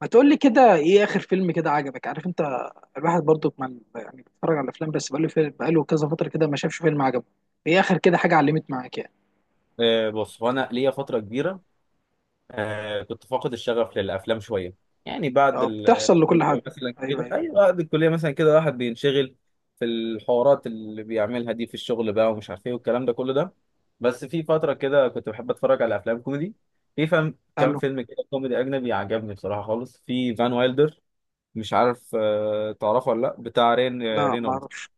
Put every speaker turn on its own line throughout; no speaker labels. ما تقول لي كده، ايه اخر فيلم كده عجبك؟ عارف انت الواحد برضو ما يعني بيتفرج على الافلام، بس بقاله فيلم، بقاله كذا فتره كده ما شافش فيلم عجبه. ايه اخر كده حاجه علمت معاك يعني؟
بص، هو انا ليا فتره كبيره كنت فاقد الشغف للافلام شويه. يعني بعد
بتحصل لكل حد.
الكليه مثلا
ايوه
كده،
ايوه.
ايوه بعد الكليه مثلا كده واحد بينشغل في الحوارات اللي بيعملها دي في الشغل بقى، ومش عارف ايه والكلام ده كله ده. بس في فتره كده كنت بحب اتفرج على افلام كوميدي. في فهم
قال
كام
له.
فيلم كده كوميدي اجنبي عجبني بصراحه خالص، في فان وايلدر. مش عارف تعرفه ولا لا؟ بتاع رين،
لا ما
رينولد.
اعرفش.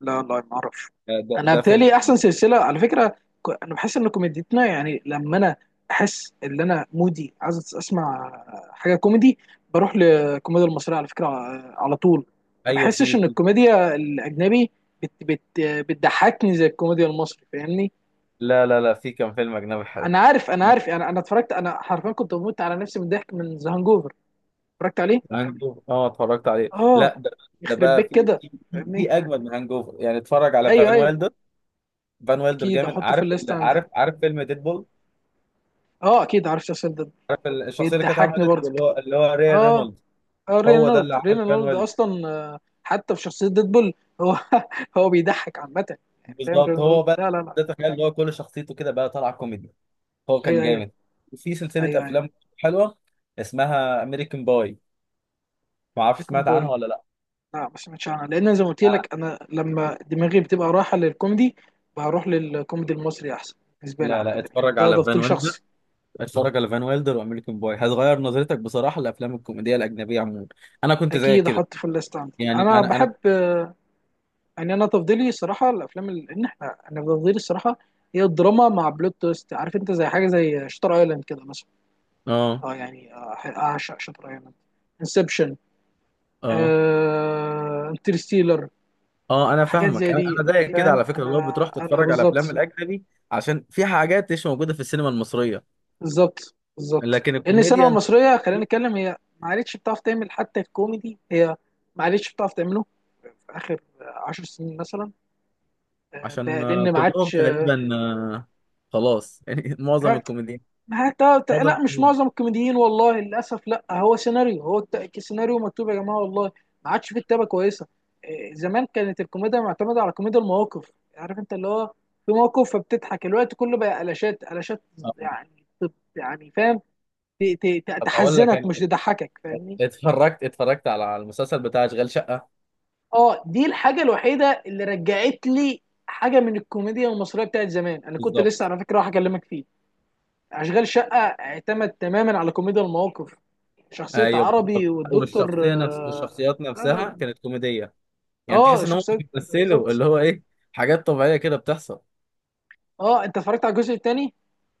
لا ما اعرف.
ده
انا
ده فيلم.
بالتالي احسن سلسله على فكره. انا بحس ان كوميديتنا، يعني لما انا احس ان انا مودي عايز اسمع حاجه كوميدي، بروح للكوميديا المصريه على فكره، على طول. ما
ايوه،
بحسش ان الكوميديا الاجنبي بت بت بتضحكني زي الكوميديا المصري، فاهمني؟
لا لا لا، في كام فيلم اجنبي حلو.
انا عارف، انا عارف، انا اتفرجت، انا حرفيا كنت بموت على نفسي من الضحك من ذا هانجوفر. اتفرجت عليه.
هانجوفر، اه اتفرجت عليه.
اه.
لا، ده ده
يخرب
بقى
بيك
في
كده.
في في
فاهمني.
في اجمد من هانجوفر، يعني اتفرج على
ايوه
فان
ايوه.
ويلدر. فان ويلدر
اكيد
جامد.
احطه في
عارف
الليست عندي.
عارف فيلم ديدبول؟
اه اكيد، عارف شخصيا.
عارف الشخصيه اللي كانت عامله
بيضحكني
ديدبول اللي
برضك.
هو اللي هو
اه.
رينولدز؟
اه
هو ده اللي
رينولد،
عامل فان
رينولد
ويلدر.
اصلا حتى في شخصيه ديدبول. هو هو بيضحك عامه، يعني فاهم
بالظبط، هو
رينولد.
بقى.
لا لا
ده
لا.
تخيل اللي هو كل شخصيته كده بقى طالعه كوميدي. هو كان
ايوه ايوه
جامد. وفي سلسله
ايوه ايوه.
افلام حلوه اسمها امريكان باي، ما اعرفش
بريكون
سمعت عنها
بوي.
ولا لا.
لا ما سمعتش عنها، لان زي ما قلت
أنا-
لك انا لما دماغي بتبقى رايحه للكوميدي بروح للكوميدي المصري احسن، بالنسبه لي
لا
عامه.
لا،
يعني
اتفرج
ده
على فان
تفضيل
ويلدر.
شخصي.
اتفرج على فان ويلدر وامريكان بوي هتغير نظرتك بصراحه لافلام الكوميديا الاجنبيه عموما. انا كنت زيك
اكيد
كده.
احط في الليست عندي،
يعني
انا
انا
بحب يعني انا تفضيلي صراحه الافلام ال- ان احنا انا تفضيلي الصراحه هي الدراما مع بلوت تويست، عارف انت زي حاجه زي شطر ايلاند كده مثلا.
اه،
اه يعني اعشق شاتر ايلاند، انسبشن،
اه،
انترستيلر.
اه انا
حاجات
فاهمك.
زي
انا
دي
انا
انت
زيك كده
فاهم،
على فكره، لو
انا
بتروح
انا
تتفرج على افلام
بالظبط.
الاجنبي، عشان في حاجات مش موجوده في السينما المصريه.
بالظبط بالظبط،
لكن
لان السينما
الكوميديا انت
المصريه خلينا
بتشوف-
نتكلم هي ما عادتش بتعرف تعمل حتى الكوميدي، هي ما عادتش بتعرف تعمله في اخر عشر سنين مثلا،
عشان
لان ما
كلهم
عادش.
تقريبا، خلاص يعني معظم الكوميديا.
ما هي
معظم
لا مش
الكوميديا.
معظم الكوميديين، والله للاسف، لا هو سيناريو، هو سيناريو مكتوب يا جماعه والله، ما عادش في كتابه كويسه. إيه، زمان كانت الكوميديا معتمده على كوميديا المواقف، عارف انت، اللي هو في موقف فبتضحك الوقت كله، بقى قلاشات قلاشات
آه.
يعني يعني فاهم،
طب اقول لك
تحزنك
انا،
مش تضحكك، فاهمني؟
اتفرجت، اتفرجت على على المسلسل بتاع اشغال شقه
اه دي الحاجه الوحيده اللي رجعت لي حاجه من الكوميديا المصريه بتاعت زمان، انا كنت
بالظبط
لسه على فكره راح اكلمك فيه. اشغال شقه اعتمد تماما على كوميديا المواقف، شخصية
ايوه
عربي
بالظبط
والدكتور
والشخصيه نفس
آه،
والشخصيات
لا لا
نفسها
لا.
كانت كوميديه. يعني تحس
اه
ان هم
شخصية.
بيمثلوا
بالظبط.
اللي هو ايه، حاجات طبيعيه كده بتحصل.
اه، انت اتفرجت على الجزء الثاني؟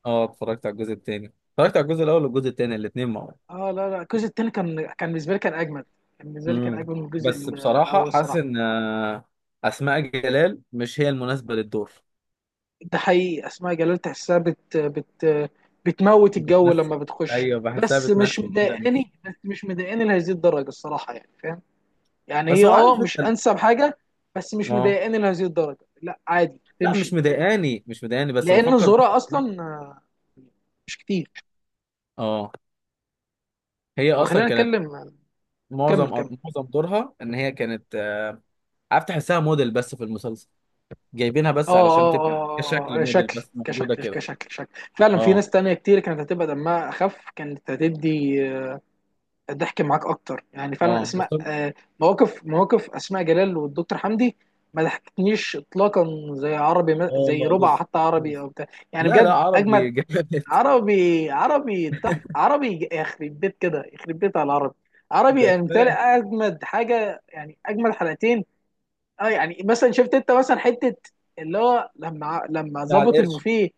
اه، اتفرجت على الجزء الثاني. اتفرجت على الجزء الاول والجزء الثاني الاثنين مع بعض.
اه لا لا، الجزء الثاني كان، كان بالنسبة لي كان اجمد، كان بالنسبة لي كان
امم.
اجمد من الجزء
بس بصراحه
الاول
حاسس
الصراحة.
ان اسماء جلال مش هي المناسبه للدور.
ده حقيقي، اسماء جلال تحسها بت بت بتموت الجو لما
بتمثل.
بتخش.
ايوه بحسها
بس مش
بتمثل كده، مش
مضايقاني، بس مش مضايقاني لهذه الدرجة الصراحة يعني، فاهم؟ يعني
بس
هي
هو
اه
عارف
مش
انت ال-
انسب حاجة، بس مش
اه،
مضايقاني لهذه الدرجة، لا عادي
لا مش
تمشي.
مضايقاني، مش مضايقاني بس
لان
بفكر بس.
زورا اصلا مش كتير.
اه. هي
طب
اصلا
خلينا
كانت،
نتكلم. كمل
معظم،
كمل.
معظم دورها ان هي كانت عارف تحسها موديل بس في المسلسل. جايبينها
اه
بس علشان
اه اه
تبقى كشكل موديل
شكل،
بس، موجوده
كشكل
كده.
كشكل شكل فعلا. في
اه،
ناس تانية كتير كانت هتبقى دمها اخف، كانت هتدي ضحك معاك اكتر، يعني فعلا
اه
اسماء مواقف، مواقف اسماء جلال والدكتور حمدي ما ضحكتنيش اطلاقا زي عربي، زي
اه
ربع
لسه.
حتى عربي
لسه.
او بتاع، يعني
لا لا،
بجد اجمد.
عربي جامد.
عربي، عربي تحف، عربي يخرب بيت كده، يخرب بيت على العربي. عربي
ده
يعني بالتالي
كفايه.
اجمد حاجه، يعني اجمد حلقتين. اه يعني مثلا شفت انت مثلا حته اللي هو لما
بتاع
ظبط
القرش.
البوفيه.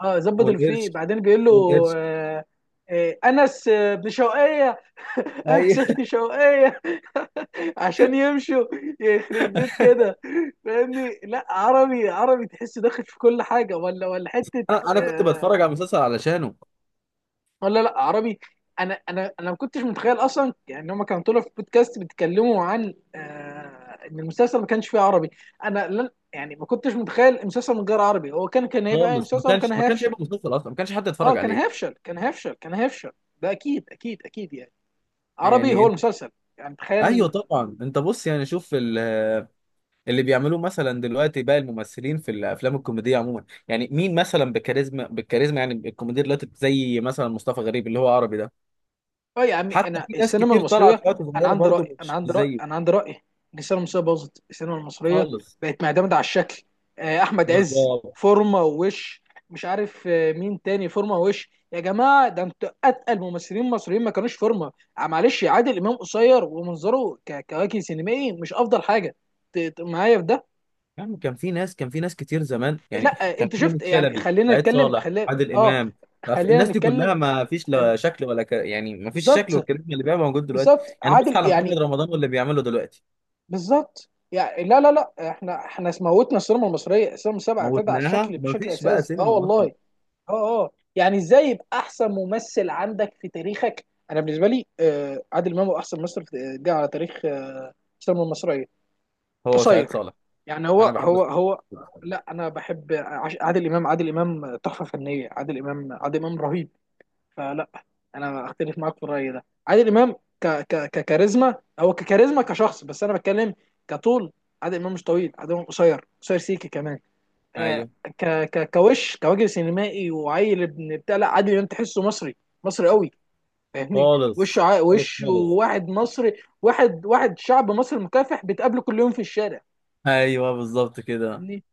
اه ظبط البوفيه
والقرش.
بعدين بيقول له
والقرش.
آه، آه انس، ابن شوقيه. انس
ايوه.
ابن شوقيه عشان يمشوا. يخرب بيت كده، فاهمني؟ لا عربي، عربي تحس داخل في كل حاجه، ولا حته
انا، انا كنت بتفرج على
آه،
المسلسل علشانه
ولا لا عربي. انا ما كنتش متخيل اصلا، يعني هم كانوا طلعوا في بودكاست بيتكلموا عن آه ان المسلسل ما كانش فيه عربي. انا لن يعني ما كنتش متخيل المسلسل من غير عربي، هو كان، كان هيبقى أي
خالص. ما
مسلسل وكان
كانش، ما كانش
هيفشل.
هيبقى مسلسل اصلا، ما كانش حد
اه
يتفرج
كان
عليه.
هيفشل، كان هيفشل، كان هيفشل، ده اكيد اكيد اكيد. يعني عربي
يعني
هو
انت،
المسلسل، يعني
ايوه
تخيل.
طبعا. انت بص يعني، شوف اللي بيعملوه مثلا دلوقتي بقى، الممثلين في الافلام الكوميديه عموما. يعني مين مثلا بكاريزما، بالكاريزما؟ يعني الكوميديا دلوقتي زي مثلا مصطفى غريب اللي هو عربي ده.
اه يا عمي
حتى
انا
في ناس
السينما
كتير
المصريه،
طلعت دلوقتي
انا
صغيره
عندي راي،
برضه
انا
مش
عندي راي، انا
زيه.
عندي راي ان السينما المصريه باظت، السينما المصريه
خالص.
بقت معتمده على الشكل. احمد عز
بالظبط،
فورمه ووش، مش عارف مين تاني فورمه ووش. يا جماعه ده انتوا اتقل ممثلين مصريين ما كانوش فورمه. معلش عادل امام قصير ومنظره كوجه سينمائي مش افضل حاجه، معايا في ده.
يعني كان في ناس، كان في ناس كتير زمان. يعني
لا
كان
انت
في يونس
شفت، يعني
شلبي،
خلينا
سعيد
نتكلم،
صالح،
خلينا
عادل
اه
امام. عارف،
خلينا
الناس دي
نتكلم.
كلها ما فيش
خل-
لا شكل ولا ك... يعني ما فيش شكل
بالظبط
والكاريزما اللي بيبقى موجود دلوقتي.
بالظبط،
يعني بص
عادل
على
يعني.
محمد رمضان واللي بيعمله دلوقتي.
بالظبط، يعني لا لا لا، احنا موتنا السينما المصريه، السينما المصريه اعتمد على
موتناها،
الشكل
ما
بشكل
فيش بقى
اساسي اه
سينما
والله.
اصلا.
اه اه، يعني ازاي يبقى احسن ممثل عندك في تاريخك؟ انا بالنسبه لي آه عادل امام هو احسن ممثل في- جه على تاريخ آه السينما المصريه.
هو سعيد
قصير،
صالح.
يعني هو
انا بحب
هو هو.
السلسلة.
لا انا بحب عادل امام، عادل امام تحفه فنيه، عادل امام، عادل امام رهيب. فلا انا اختلف معاك في الراي ده. عادل امام ك ك ككاريزما، هو ككاريزما كشخص، بس انا بتكلم كطول. عادل امام مش طويل، عادل امام قصير، قصير سيكي كمان. آه
ايوه.
ك ك كوش، كوجه سينمائي وعيل ابن بتاع، لا عادل امام تحسه مصري، مصري قوي، فاهمني؟
خالص.
وشه، ع...
خالص.
وشه
خالص.
واحد مصري، واحد واحد شعب مصري مكافح بتقابله كل يوم في الشارع،
ايوه بالظبط كده.
فاهمني؟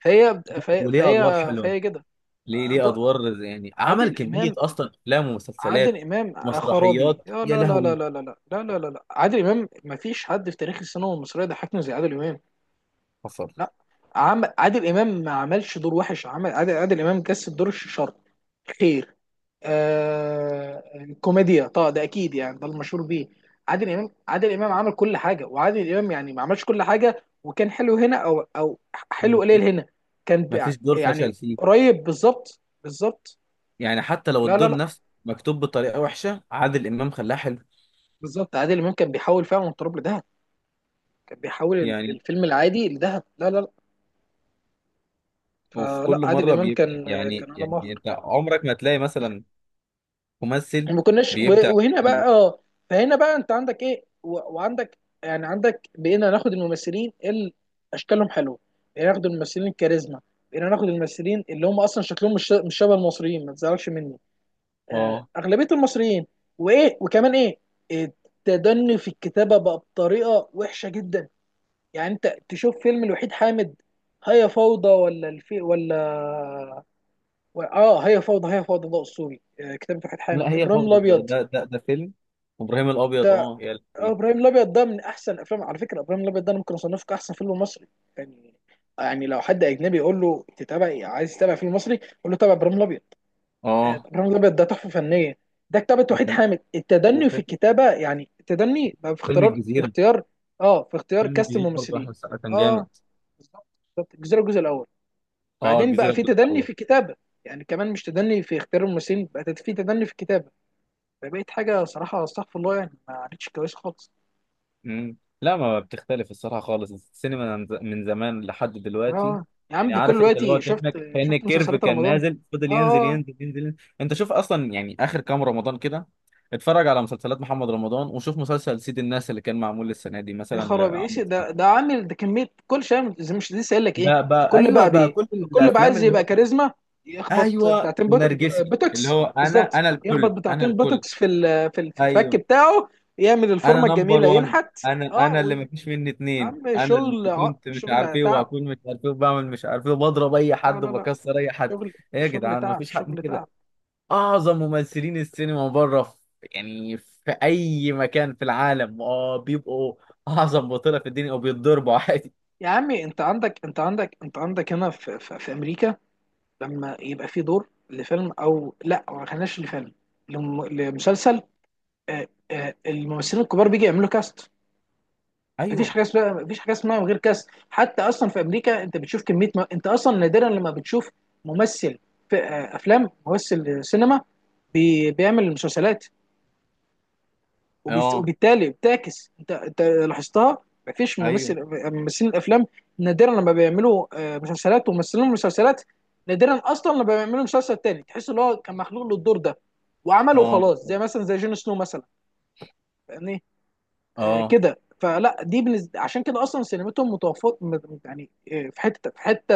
فهي فهي
وليه ادوار
فهي,
حلوه.
فهي كده.
ليه، ليه
ض-
ادوار زي- يعني عمل
عادل
كميه
امام،
اصلا افلام
عادل
ومسلسلات،
امام خرابي.
مسرحيات،
لا
يا
لا لا لا
لهوي.
لا لا لا لا لا لا لا. عادل امام ما فيش حد في تاريخ السينما المصريه ضحكنا زي عادل امام.
حصل.
لا عادل امام ما عملش دور وحش، عمل، عادل امام جسد دور الشر، خير، آه... كوميديا طبعا ده اكيد، يعني ده المشهور بيه. عادل امام، عادل امام عمل كل حاجه، وعادل امام يعني ما عملش كل حاجه وكان حلو هنا او او حلو قليل هنا، كان
ما فيش دور فشل
يعني
فيه.
قريب بالظبط بالظبط.
يعني حتى لو
لا لا
الدور
لا،
نفسه مكتوب بطريقه وحشه، عادل امام خلاه حلو.
بالظبط عادل امام كان بيحاول فعلا من تراب لدهب، كان بيحول
يعني
الفيلم العادي لذهب. لا لا لا،
وفي كل
فلا عادل
مره
امام
بيبدع.
كان،
يعني
كان علم
يعني
اخر.
انت عمرك ما تلاقي مثلا ممثل
ما كناش
بيبدع
وهنا
في
بقى اه، فهنا بقى انت عندك ايه وعندك يعني عندك، بقينا ناخد الممثلين اللي اشكالهم حلوه، بقينا ناخد الممثلين الكاريزما، بقينا ناخد الممثلين اللي هم اصلا شكلهم مش شبه المصريين، ما تزعلش مني،
اه.
اغلبيه المصريين. وايه وكمان ايه التدني في الكتابه بقى بطريقه وحشه جدا، يعني انت تشوف فيلم الوحيد حامد هيا فوضى، ولا الفي ولا اه هيا فوضى. هيا فوضى ده اسطوري، كتابة وحيد حامد.
لا، هي
ابراهيم
فوضى ده
الابيض
ده فيلم ابراهيم الابيض.
ده
اه يا لهوي.
ابراهيم الابيض ده من احسن افلام على فكره، ابراهيم الابيض ده انا ممكن اصنفه كاحسن فيلم مصري يعني. يعني لو حد اجنبي يقول له تتابع إيه؟ عايز تتابع فيلم مصري قول له تابع ابراهيم الابيض.
اه
ابراهيم الابيض ده تحفه فنيه، ده كتابة وحيد
وكان،
حامد. التدني في
وفيلم،
الكتابه يعني التدني بقى في
فيلم
اختيار، في
الجزيره.
اختيار، اه في اختيار
فيلم
كاست
الجزيره برضه احمد
الممثلين.
السقا كان
اه
جامد.
بالظبط، بالظبط الجزيره الجزء الاول،
اه
بعدين بقى
الجزيره
في
الجزء
تدني في
الاول.
الكتابه، يعني كمان مش تدني في اختيار الممثلين، بقى في تدني في الكتابه، فبقيت حاجه صراحه استغفر الله، يعني ما عادتش كويسه خالص.
امم. لا ما بتختلف الصراحه خالص السينما من ز- من زمان لحد دلوقتي.
اه يا عم
يعني
بكل
عارف انت اللي هو
دلوقتي، شفت،
كانك كان
شفت
الكيرف
مسلسلات
كان
رمضان؟
نازل،
اه
فضل
اه
ينزل،
آه.
ينزل، ينزل. انت شوف اصلا يعني اخر كام رمضان كده، اتفرج على مسلسلات محمد رمضان وشوف مسلسل سيد الناس اللي كان معمول السنه دي
يا
مثلا
خرابي، ايش
لعمرو سعد.
ده؟ ده عامل ده كميه كل شيء زي مش لسه قايل لك ايه،
بقى، بقى
كل
ايوه،
بقى
بقى
بي
كل
كل بقى
الافلام
عايز
اللي
يبقى
هو،
كاريزما، يخبط
ايوه
بتاعتين
ونرجسي، اللي
بوتوكس.
هو انا،
بالظبط،
انا
يخبط
الكل، انا
بتاعتين
الكل.
بوتوكس في الفك
ايوه
بتاعه، يعمل
انا
الفورمه
نمبر
الجميله،
وان،
ينحت.
انا
اه
اللي مفيش مني
يا
اتنين،
عم
انا اللي
شغل،
كنت مش عارف
شغل
ايه،
تعب،
وهكون مش عارف ايه، وبعمل مش عارف ايه، وبضرب اي
لا
حد،
لا لا،
وبكسر اي حد.
شغل،
ايه يا
شغل
جدعان،
تعب،
مفيش حد
شغل
كده
تعب.
اعظم ممثلين السينما بره؟ في يعني في اي مكان في العالم، اه بيبقوا اعظم بطولة في الدنيا وبيتضربوا عادي.
يا عمي انت عندك، انت عندك، انت عندك هنا في امريكا لما يبقى في دور لفيلم، او لا ما خليناش لفيلم، لمسلسل، الممثلين الكبار بيجي يعملوا كاست، مفيش
ايوه.
حاجه اسمها، مفيش حاجه اسمها من غير كاست. حتى اصلا في امريكا انت بتشوف كميه انت اصلا نادرا لما بتشوف ممثل في افلام، ممثل سينما بيعمل مسلسلات،
اه.
وبالتالي بتعكس، انت انت لاحظتها، مفيش
ايوه.
ممثل، ممثلين الافلام نادرا لما بيعملوا مسلسلات، وممثلين المسلسلات نادرا اصلا لما بيعملوا مسلسل تاني تحس ان هو كان مخلوق للدور ده وعمله
اه
خلاص، زي
بالظبط.
مثلا زي جون سنو مثلا، فاهمني؟ آه
اه.
كده، فلا دي بالنسبة عشان كده اصلا سينمتهم متوفر يعني في حته، في حته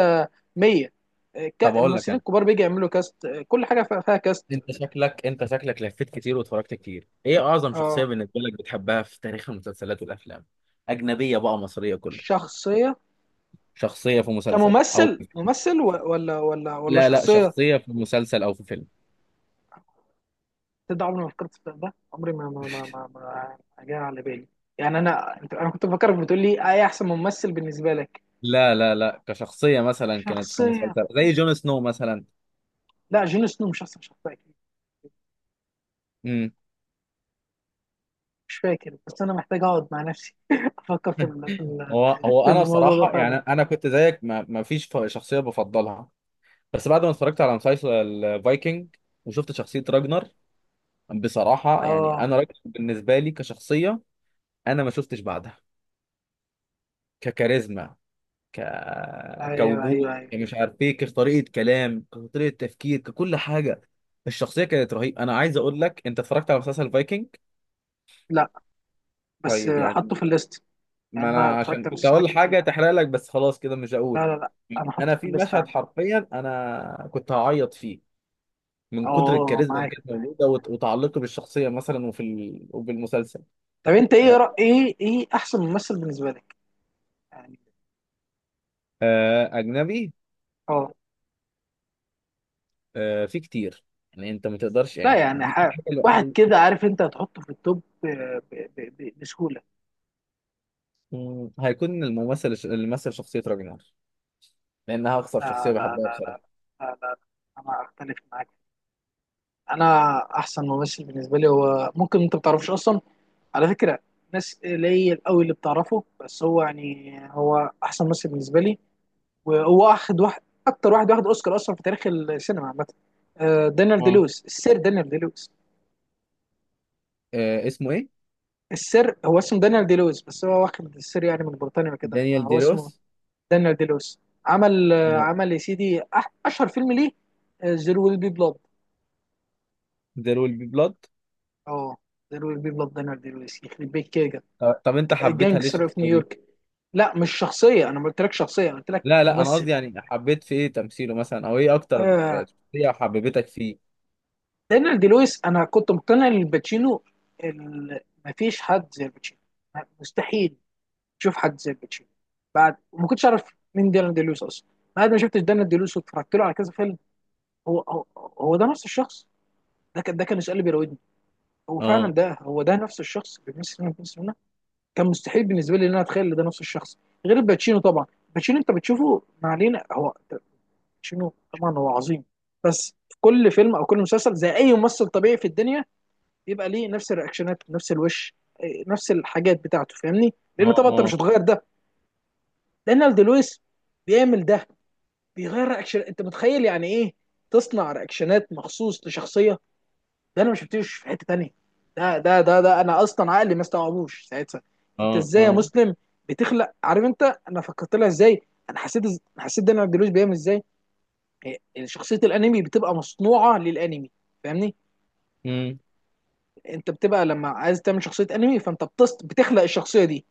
100،
طب اقول
الممثلين
لك،
الكبار بيجي يعملوا كاست، كل حاجه فيها، فيها كاست.
انت شكلك، انت شكلك لفيت كتير واتفرجت كتير. ايه اعظم شخصية
اه
بالنسبة لك بتحبها في تاريخ المسلسلات والافلام؟ اجنبية بقى مصرية كله.
شخصيه،
شخصية في مسلسل او
كممثل،
في فيلم.
ممثل ولا ولا ولا
لا لا،
شخصيه؟
شخصية في مسلسل او في فيلم.
تبدأ، عمري ما فكرت في ده، عمري ما جاء على بالي، يعني انا، انت انا كنت بفكرك بتقول لي ايه احسن ممثل بالنسبه لك.
لا لا لا، كشخصية مثلا كانت في
شخصيه،
مسلسل زي جون سنو مثلا.
لا جون سنو مش احسن شخصيه اكيد.
امم.
مش فاكر، بس انا محتاج اقعد مع نفسي افكر في
هو هو
في
انا
الموضوع ده
بصراحة يعني،
فعلا.
انا كنت زيك ما فيش شخصية بفضلها. بس بعد ما اتفرجت على مسلسل فايكنج وشفت شخصية راجنر، بصراحة يعني
اه
انا راجنر بالنسبة لي كشخصية انا ما شفتش بعدها، ككاريزما، ك...
ايوه
كوجود،
ايوه ايوه.
يعني مش عارف ايه، كطريقه كلام، كطريقه تفكير، ككل حاجه. الشخصيه كانت رهيبه. انا عايز اقول لك، انت اتفرجت على مسلسل فايكنج؟
لا بس
طيب
حطه
يعني،
في الليست،
ما
يعني انا
انا
اتفرجت
عشان
على
كنت
مسلسلات
اقول حاجه
كتير.
تحرق لك، بس خلاص كده مش
لا
هقول.
لا لا، انا حاطه
انا
في
في
الليست
مشهد
عندي.
حرفيا انا كنت هعيط فيه من كتر
اه
الكاريزما اللي
معاك
كانت
معاك.
موجوده وتعلقي بالشخصيه مثلا، وفي ال... وبالمسلسل.
طب انت ايه
آه،
ايه ايه احسن ممثل بالنسبه لك يعني؟
اجنبي.
اه
في كتير. يعني انت ما تقدرش،
لا
يعني
يعني
دي الحاجه
واحد
الوحيده.
كده عارف انت هتحطه في التوب بسهولة.
مم، هيكون الممثل اللي مثل شخصية راجنر، لأنها أكثر
لا
شخصية
لا
بحبها
لا لا
بصراحة.
لا. انا اختلف معاك. انا احسن ممثل بالنسبة لي هو ممكن انت ما تعرفوش اصلا على فكرة، ناس قليل قوي اللي بتعرفه، بس هو يعني هو احسن ممثل بالنسبة لي، وهو واخد واحد، اكتر واحد واخد اوسكار اصلا في تاريخ السينما عامة، دانيال دي
اه.
لويس، السير دانيال دي لويس.
آه، اسمه إيه؟
السر هو اسمه دانيال دي لويس، بس هو واخد السر يعني من بريطانيا كده
دانيال
فهو
دي روس.
اسمه دانيال دي لويس. عمل
مم.
يا سيدي اشهر فيلم ليه زيرو ويل بي بلاد.
دير ويل بي بلاد.
اه زيرو ويل بي بلاد، دانيال دي لويس يخرب بيت كده.
طب، طب أنت حبيتها ليه
جانجستر اوف
الشخصية دي؟
نيويورك. لا مش شخصيه، انا ما قلتلكش شخصيه، انا قلت لك
لا لا، أنا قصدي
ممثل.
يعني حبيت في إيه تمثيله مثلا، أو إيه أكتر
آه
شخصية حببتك فيه؟
دانيال دي لويس، انا كنت مقتنع ان الباتشينو ال- مفيش حد زي الباتشينو، مستحيل تشوف حد زي الباتشينو. بعد، وما كنتش اعرف مين دانيال دي لويس اصلا، بعد ما شفت دانيال دي لويس واتفرجت له على كذا فيلم، هو ده نفس الشخص؟ ده كان، ده كان السؤال اللي بيراودني، هو فعلا
آه.
ده هو ده نفس الشخص اللي ميسي لما كان سنه؟ كان مستحيل بالنسبه لي ان انا اتخيل ان ده نفس الشخص. غير باتشينو طبعا، باتشينو انت بتشوفه، ما علينا، هو باتشينو طبعا هو عظيم، بس في كل فيلم او كل مسلسل زي اي ممثل طبيعي في الدنيا بيبقى ليه نفس الرياكشنات، نفس الوش، إيه، نفس الحاجات بتاعته، فاهمني؟
آه.
لان طبعا انت
آه.
مش هتغير ده. لان لويس بيعمل ده، بيغير رياكشن، انت متخيل يعني ايه تصنع رياكشنات مخصوص لشخصيه؟ ده انا ما شفتوش في حته تانيه، ده انا اصلا عقلي ما استوعبوش ساعتها. انت
آه.
ازاي يا
آه.
مسلم بتخلق، عارف انت انا فكرت لها ازاي؟ انا حسيت، أنا حسيت داني عبد الوهاب بيعمل ازاي. يعني شخصيه الانمي بتبقى مصنوعه للانمي، فاهمني؟
مم.
انت بتبقى لما عايز تعمل شخصيه انمي فانت بتخلق الشخصيه دي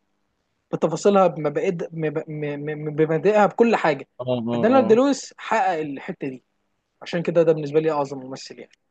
بتفاصيلها، بمبادئها، بكل حاجه.
آه.
فداني
آه.
عبد الوهاب
آه.
حقق الحته دي، عشان كده ده بالنسبه لي اعظم ممثل يعني.